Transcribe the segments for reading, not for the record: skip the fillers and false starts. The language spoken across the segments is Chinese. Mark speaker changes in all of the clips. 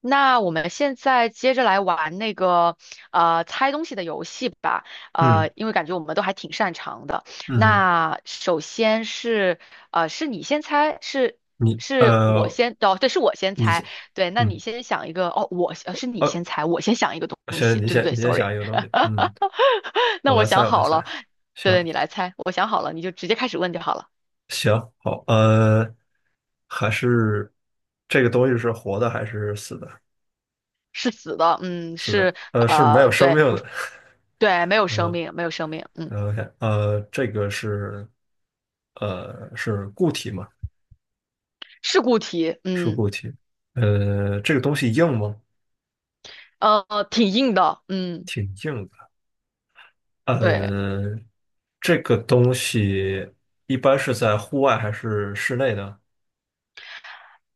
Speaker 1: 那我们现在接着来玩那个猜东西的游戏吧。
Speaker 2: 嗯
Speaker 1: 因为感觉我们都还挺擅长的。
Speaker 2: 嗯，
Speaker 1: 那首先是是你先猜，是
Speaker 2: 你
Speaker 1: 是我先哦，对，是我先
Speaker 2: 你
Speaker 1: 猜，
Speaker 2: 先，
Speaker 1: 对，那你
Speaker 2: 嗯，
Speaker 1: 先想一个哦，我呃是你
Speaker 2: 哦，
Speaker 1: 先猜，我先想一个东
Speaker 2: 行，
Speaker 1: 西，
Speaker 2: 你
Speaker 1: 对对
Speaker 2: 先，
Speaker 1: 对
Speaker 2: 你先
Speaker 1: ，sorry,
Speaker 2: 想一个东西，嗯，
Speaker 1: 那
Speaker 2: 我
Speaker 1: 我
Speaker 2: 来猜，
Speaker 1: 想
Speaker 2: 我来
Speaker 1: 好
Speaker 2: 猜，
Speaker 1: 了。对对，
Speaker 2: 行
Speaker 1: 你来猜，我想好了，你就直接开始问就好了。
Speaker 2: 行，好，还是这个东西是活的还是死的？
Speaker 1: 是死的，嗯，
Speaker 2: 死的，
Speaker 1: 是
Speaker 2: 是没有
Speaker 1: 呃
Speaker 2: 生命
Speaker 1: 对，不
Speaker 2: 的。
Speaker 1: 是对，没有生
Speaker 2: 呃
Speaker 1: 命，没有生命，嗯。
Speaker 2: OK，这个是是固体嘛？
Speaker 1: 事故题，
Speaker 2: 是固
Speaker 1: 嗯。
Speaker 2: 体，这个东西硬吗？
Speaker 1: 挺硬的，嗯，
Speaker 2: 挺硬的。
Speaker 1: 对，
Speaker 2: 呃，这个东西一般是在户外还是室内呢？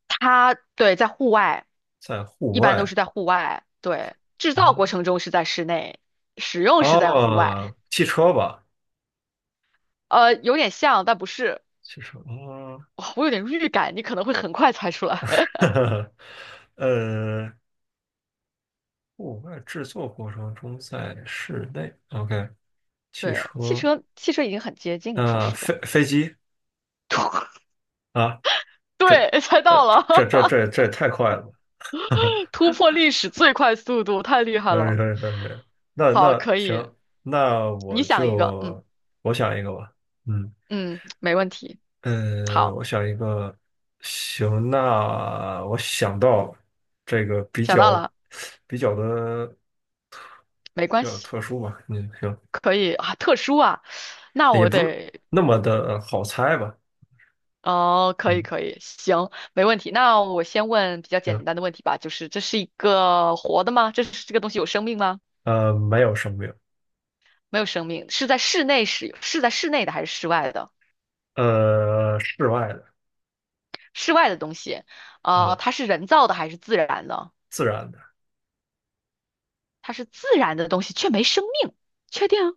Speaker 1: 它在户外，
Speaker 2: 在户
Speaker 1: 一般都
Speaker 2: 外
Speaker 1: 是在户外，对，制造
Speaker 2: 啊，
Speaker 1: 过程中是在室内，使用是在户外。
Speaker 2: 哦，汽车吧，
Speaker 1: 有点像，但不是。
Speaker 2: 汽车，哦，
Speaker 1: 哇我有点预感，你可能会很快猜出来。
Speaker 2: 呵呵呃，户外制作过程中在室内，OK，汽
Speaker 1: 对，汽
Speaker 2: 车，
Speaker 1: 车，汽车已经很接近了，说
Speaker 2: 啊，
Speaker 1: 实在。
Speaker 2: 飞机 啊，这，
Speaker 1: 对，猜到
Speaker 2: 这
Speaker 1: 了。
Speaker 2: 这这这这也太快了，哈
Speaker 1: 突破历史最快速度，太厉害
Speaker 2: 呃，
Speaker 1: 了。
Speaker 2: 那
Speaker 1: 好，
Speaker 2: 那
Speaker 1: 可以，
Speaker 2: 行，那
Speaker 1: 你
Speaker 2: 我
Speaker 1: 想一个，嗯
Speaker 2: 就我想一个吧，嗯。
Speaker 1: 嗯，没问题。
Speaker 2: 我想一个，行，那我想到这个
Speaker 1: 想到了，
Speaker 2: 比较的
Speaker 1: 没关
Speaker 2: 比较
Speaker 1: 系。
Speaker 2: 特殊吧，嗯，行，
Speaker 1: 可以啊，特殊啊，那
Speaker 2: 也
Speaker 1: 我
Speaker 2: 不是
Speaker 1: 得
Speaker 2: 那么的好猜吧，
Speaker 1: 哦，可以
Speaker 2: 嗯，
Speaker 1: 可以，行，没问题。那我先问比较
Speaker 2: 行，
Speaker 1: 简单的问题吧，就是这是一个活的吗？这是这个东西有生命吗？
Speaker 2: 没有生命，
Speaker 1: 没有生命，是在室内使，是在室内的还是室外的？
Speaker 2: 室外的，
Speaker 1: 室外的东西。啊，
Speaker 2: 呃，
Speaker 1: 它是人造的还是自然的？
Speaker 2: 自然的，
Speaker 1: 它是自然的东西，却没生命，确定啊？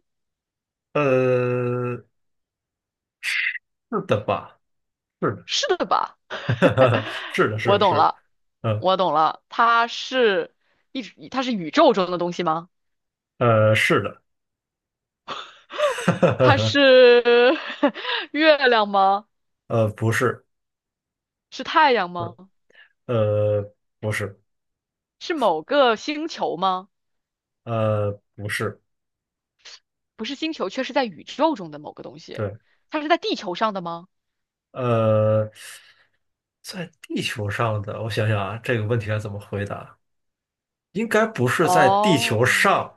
Speaker 2: 呃，是的吧？是
Speaker 1: 是的吧？
Speaker 2: 的，是的，是
Speaker 1: 我
Speaker 2: 的，
Speaker 1: 懂
Speaker 2: 是的，
Speaker 1: 了，
Speaker 2: 呃，
Speaker 1: 我懂了，它是它是宇宙中的东西吗？
Speaker 2: 是的，
Speaker 1: 它 是 月亮吗？
Speaker 2: 不是，
Speaker 1: 是太阳
Speaker 2: 呃，
Speaker 1: 吗？
Speaker 2: 呃，不是，
Speaker 1: 是某个星球吗？
Speaker 2: 不是，
Speaker 1: 不是星球，却是在宇宙中的某个东西。
Speaker 2: 对。
Speaker 1: 它是在地球上的吗？
Speaker 2: 呃，在地球上的，我想想啊，这个问题该怎么回答？应该不是在地球
Speaker 1: 哦，
Speaker 2: 上。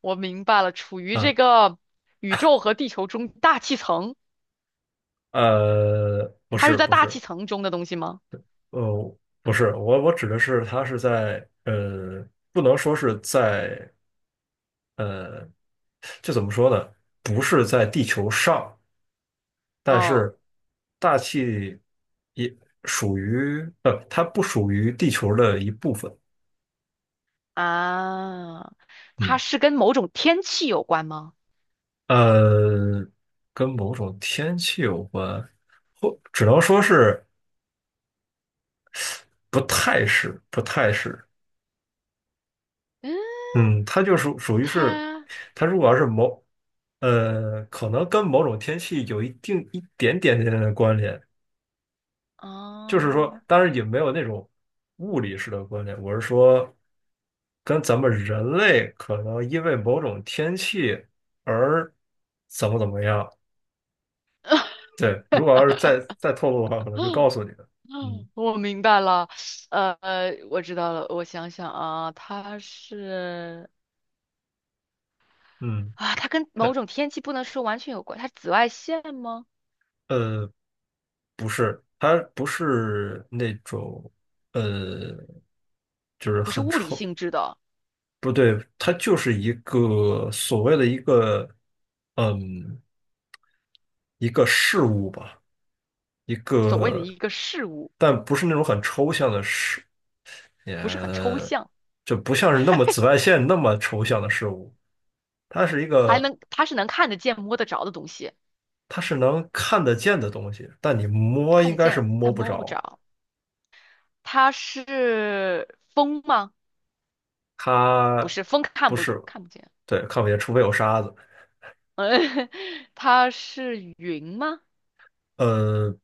Speaker 1: 我明白了，处于
Speaker 2: 啊，
Speaker 1: 这个宇宙和地球中大气层，
Speaker 2: 不
Speaker 1: 它是
Speaker 2: 是，
Speaker 1: 在
Speaker 2: 不
Speaker 1: 大
Speaker 2: 是，
Speaker 1: 气层中的东西吗？
Speaker 2: 不是，我指的是它是在，不能说是在，呃，这怎么说呢？不是在地球上，但
Speaker 1: 嗯
Speaker 2: 是大气也属于，它不属于地球的一部分。
Speaker 1: 啊，它
Speaker 2: 嗯。
Speaker 1: 是跟某种天气有关吗？
Speaker 2: 呃，跟某种天气有关，或只能说是不太是，不太是。
Speaker 1: 嗯，
Speaker 2: 嗯，它就属属于是，
Speaker 1: 它
Speaker 2: 它如果要是某，可能跟某种天气有一定一点点的关联，就是说，
Speaker 1: 啊。
Speaker 2: 当然也没有那种物理式的关联。我是说，跟咱们人类可能因为某种天气而怎么样。对，如果要是再透露的话，可能就告诉你了。
Speaker 1: 嗯
Speaker 2: 嗯。
Speaker 1: 我明白了。呃，我知道了，我想想啊，
Speaker 2: 嗯，
Speaker 1: 啊，它跟
Speaker 2: 它
Speaker 1: 某种天气不能说完全有关，它是紫外线吗？
Speaker 2: 呃不是，它不是那种呃，就是
Speaker 1: 不是
Speaker 2: 很
Speaker 1: 物理
Speaker 2: 臭，
Speaker 1: 性质的。
Speaker 2: 不对，它就是一个所谓的嗯一个事物吧，一
Speaker 1: 所谓的
Speaker 2: 个，
Speaker 1: 一个事物，
Speaker 2: 但不是那种很抽象的事，也
Speaker 1: 不是很抽象。
Speaker 2: 就不像是那么紫外线那么抽象的事物，它是一个，
Speaker 1: 它是能看得见、摸得着的东西，
Speaker 2: 它是能看得见的东西，但你摸
Speaker 1: 看
Speaker 2: 应
Speaker 1: 得
Speaker 2: 该是
Speaker 1: 见
Speaker 2: 摸
Speaker 1: 但
Speaker 2: 不
Speaker 1: 摸不
Speaker 2: 着。
Speaker 1: 着。它是风吗？不
Speaker 2: 它
Speaker 1: 是，风看
Speaker 2: 不
Speaker 1: 不
Speaker 2: 是，
Speaker 1: 看不见。
Speaker 2: 对，看不见，除非有沙子。
Speaker 1: 嗯，它是云吗？
Speaker 2: 呃，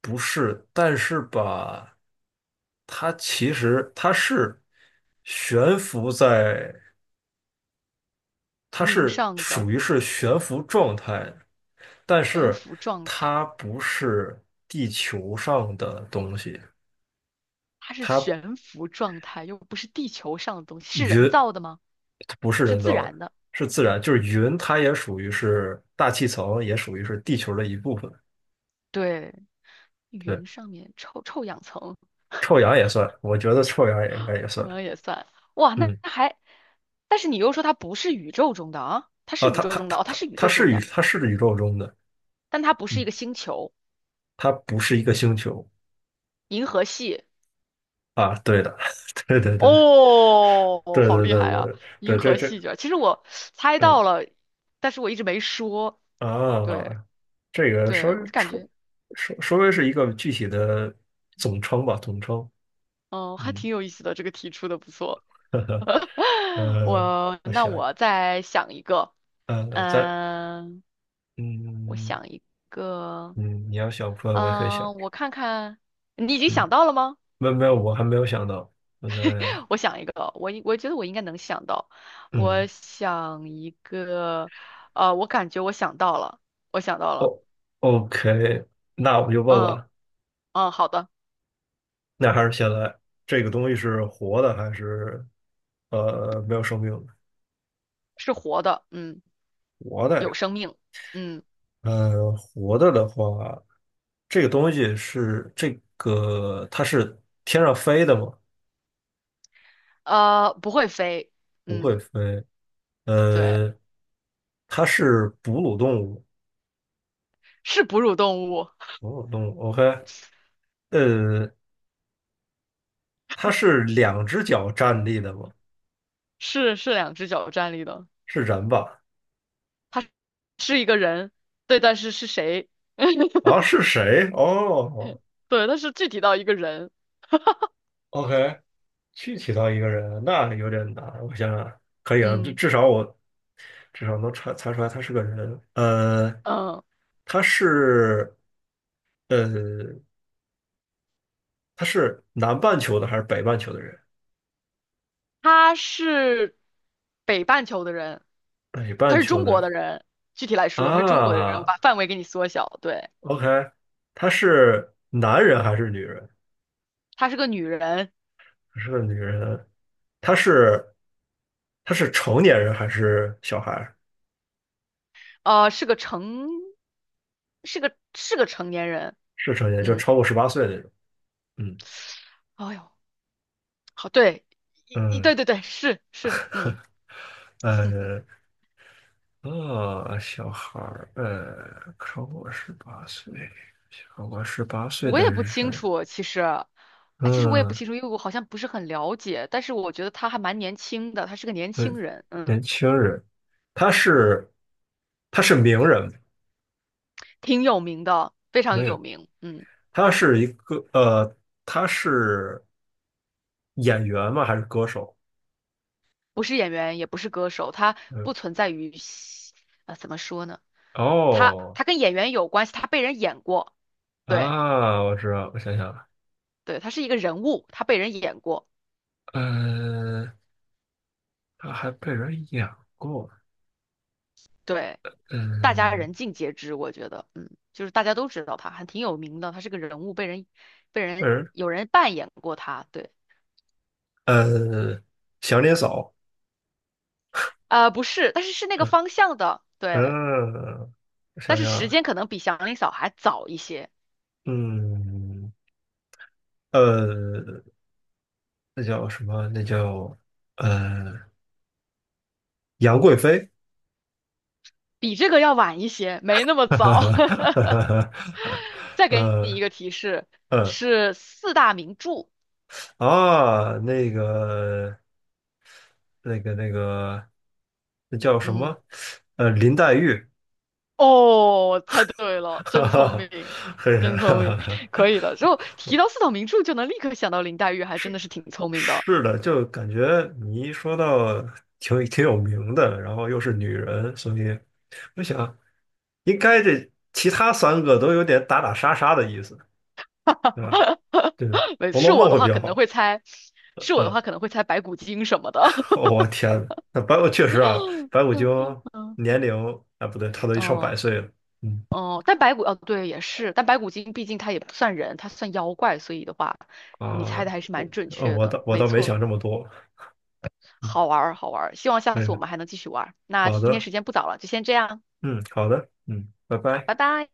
Speaker 2: 不是，但是吧，它其实悬浮在，它
Speaker 1: 云
Speaker 2: 是
Speaker 1: 上
Speaker 2: 属
Speaker 1: 的
Speaker 2: 于是悬浮状态的，但
Speaker 1: 悬
Speaker 2: 是
Speaker 1: 浮状态，
Speaker 2: 它不是地球上的东西，
Speaker 1: 它是
Speaker 2: 它
Speaker 1: 悬浮状态，又不是地球上的东西，是人
Speaker 2: 云
Speaker 1: 造的吗？
Speaker 2: 它不是
Speaker 1: 是
Speaker 2: 人
Speaker 1: 自
Speaker 2: 造的，
Speaker 1: 然的，
Speaker 2: 是自然，就是云，它也属于是大气层，也属于是地球的一部分。
Speaker 1: 对。
Speaker 2: 对，
Speaker 1: 云上面臭氧层，
Speaker 2: 臭氧也算，我觉得臭氧也应该也
Speaker 1: 臭
Speaker 2: 算。
Speaker 1: 氧也算。哇，那
Speaker 2: 嗯，
Speaker 1: 那还，但是你又说它不是宇宙中的啊，它是
Speaker 2: 啊，
Speaker 1: 宇宙中的哦，它是宇宙中的，
Speaker 2: 它是宇宙中的，
Speaker 1: 但它不是
Speaker 2: 嗯，
Speaker 1: 一个星球，
Speaker 2: 它不是一个星球。
Speaker 1: 银河系。
Speaker 2: 啊。对的，对对对
Speaker 1: 哦，
Speaker 2: 对
Speaker 1: 好
Speaker 2: 对
Speaker 1: 厉
Speaker 2: 对
Speaker 1: 害啊！
Speaker 2: 对对，
Speaker 1: 银
Speaker 2: 这
Speaker 1: 河
Speaker 2: 这
Speaker 1: 系卷，其实我猜
Speaker 2: 嗯
Speaker 1: 到了，但是我一直没说。对
Speaker 2: 啊，这个
Speaker 1: 对，我就感觉，
Speaker 2: 稍微是一个具体的总称吧，总称。
Speaker 1: 嗯，还
Speaker 2: 嗯，
Speaker 1: 挺有意思的，这个题出的不错。
Speaker 2: 呵呵，呃，
Speaker 1: 我
Speaker 2: 我
Speaker 1: 那
Speaker 2: 想
Speaker 1: 我再想一个。
Speaker 2: 呃，咱，
Speaker 1: 嗯，我
Speaker 2: 嗯，
Speaker 1: 想一个。
Speaker 2: 嗯，你要想不出来，我也可以想。
Speaker 1: 嗯，我看看，你已经
Speaker 2: 嗯，
Speaker 1: 想到了吗？
Speaker 2: 没有没有，我还没有想到。我在
Speaker 1: 我想一个，我觉得我应该能想到。我
Speaker 2: 嗯，
Speaker 1: 想一个。我感觉我想到了，我想到了。
Speaker 2: 哦， OK，那我就问
Speaker 1: 嗯
Speaker 2: 了。
Speaker 1: 嗯，好的。
Speaker 2: 那还是现在这个东西是活的还是没有生命的？
Speaker 1: 是活的，嗯，
Speaker 2: 活的
Speaker 1: 有
Speaker 2: 呀，
Speaker 1: 生命，嗯。
Speaker 2: 活的的话，这个东西是这个它是天上飞的吗？
Speaker 1: 不会飞，
Speaker 2: 不会
Speaker 1: 嗯，
Speaker 2: 飞，
Speaker 1: 对。
Speaker 2: 呃，它是哺乳动物，
Speaker 1: 是哺乳动物。
Speaker 2: 哺乳动物，OK，呃，它是两只脚站立的吗？
Speaker 1: 是两只脚站立的。
Speaker 2: 是人吧？
Speaker 1: 是一个人，对，但是是谁？
Speaker 2: 啊，是谁？哦哦
Speaker 1: 对，但是具体到一个人，
Speaker 2: ，OK，具体到一个人，那有点难。我想想，可以啊，
Speaker 1: 嗯
Speaker 2: 至少能查查出来他是个人。
Speaker 1: 嗯。
Speaker 2: 他是呃，他是南半球的还是北半球的人？
Speaker 1: 她是北半球的人，
Speaker 2: 北半球的人，
Speaker 1: 具体来说，她是中国的人。我
Speaker 2: 啊
Speaker 1: 把范围给你缩小，对。
Speaker 2: ，OK，他是男人还是女人？
Speaker 1: 她是个女人。
Speaker 2: 他是个女人。他是他是成年人还是小孩儿？
Speaker 1: 呃，是个成，是个成年人，
Speaker 2: 是成年，就
Speaker 1: 嗯。
Speaker 2: 超过十八岁那种。嗯
Speaker 1: 哎呦，好，对，一
Speaker 2: 嗯，
Speaker 1: 对对对，是是，嗯。
Speaker 2: 呃小孩儿超过十八岁，超过十八岁
Speaker 1: 我
Speaker 2: 的
Speaker 1: 也不清
Speaker 2: 人。
Speaker 1: 楚，其实。哎，其实我也不
Speaker 2: 嗯。
Speaker 1: 清楚，因为我好像不是很了解，但是我觉得她还蛮年轻的，她是个年轻
Speaker 2: 嗯，
Speaker 1: 人，嗯。
Speaker 2: 年轻人，他是他是名人？
Speaker 1: 挺有名的，非常
Speaker 2: 没
Speaker 1: 有
Speaker 2: 有，
Speaker 1: 名，嗯。
Speaker 2: 他是一个呃，他是演员吗？还是歌手？
Speaker 1: 不是演员，也不是歌手，他
Speaker 2: 嗯，
Speaker 1: 不存在于戏，怎么说呢？
Speaker 2: 哦，
Speaker 1: 他跟演员有关系，他被人演过。对
Speaker 2: 啊，我知道，我想想，
Speaker 1: 对，他是一个人物，他被人演过，
Speaker 2: 呃，他还被人演过，
Speaker 1: 对。大家
Speaker 2: 嗯，
Speaker 1: 人尽皆知，我觉得，嗯，就是大家都知道他，还挺有名的，他是个人物，被人被
Speaker 2: 被
Speaker 1: 人
Speaker 2: 人
Speaker 1: 有人扮演过他，对。
Speaker 2: 呃，祥林嫂？
Speaker 1: 不是，但是是那个
Speaker 2: 嗯
Speaker 1: 方向的，对。
Speaker 2: 嗯，我
Speaker 1: 但
Speaker 2: 想
Speaker 1: 是时
Speaker 2: 想，
Speaker 1: 间可能比祥林嫂还早一些。
Speaker 2: 嗯呃，那叫什么？呃，杨贵妃？
Speaker 1: 比这个要晚一些，没那么
Speaker 2: 哈
Speaker 1: 早。
Speaker 2: 哈哈，
Speaker 1: 再给你一
Speaker 2: 呃
Speaker 1: 个提示，
Speaker 2: 呃
Speaker 1: 是四大名著。
Speaker 2: 啊，那个那个，那叫什
Speaker 1: 嗯，
Speaker 2: 么？林黛玉？
Speaker 1: 哦，猜对 了，
Speaker 2: 哈
Speaker 1: 真聪
Speaker 2: 哈，
Speaker 1: 明，
Speaker 2: 嘿，
Speaker 1: 真聪明，
Speaker 2: 哈
Speaker 1: 可
Speaker 2: 哈
Speaker 1: 以的。之后提到四大名著，就能立刻想到林黛玉，还真的
Speaker 2: 是
Speaker 1: 是挺聪明的。
Speaker 2: 是的，就感觉你一说到挺有名的，然后又是女人，所以我想应该这其他三个都有点打打杀杀的意思，对吧？对，
Speaker 1: 没，
Speaker 2: 《红
Speaker 1: 是
Speaker 2: 楼梦》
Speaker 1: 我的
Speaker 2: 会比
Speaker 1: 话可
Speaker 2: 较
Speaker 1: 能
Speaker 2: 好，
Speaker 1: 会猜，是我的话可
Speaker 2: 嗯。
Speaker 1: 能会猜白骨精什么的。
Speaker 2: 我天呐，那白骨确实啊，白骨精
Speaker 1: 嗯，
Speaker 2: 年龄，啊不对，他都上百
Speaker 1: 哦
Speaker 2: 岁了。嗯，
Speaker 1: 哦，但白骨对也是，但白骨精毕竟它也不算人，它算妖怪，所以的话，你猜
Speaker 2: 啊，
Speaker 1: 的还是蛮准确的，
Speaker 2: 我
Speaker 1: 没
Speaker 2: 倒没
Speaker 1: 错。
Speaker 2: 想这么多。嗯，
Speaker 1: 好玩儿，好玩儿。希望下次我
Speaker 2: 哎，
Speaker 1: 们还能继续玩儿。那
Speaker 2: 好
Speaker 1: 今天
Speaker 2: 的，
Speaker 1: 时间不早了，就先这样。
Speaker 2: 嗯，好的，嗯，拜
Speaker 1: 好，
Speaker 2: 拜。
Speaker 1: 拜拜。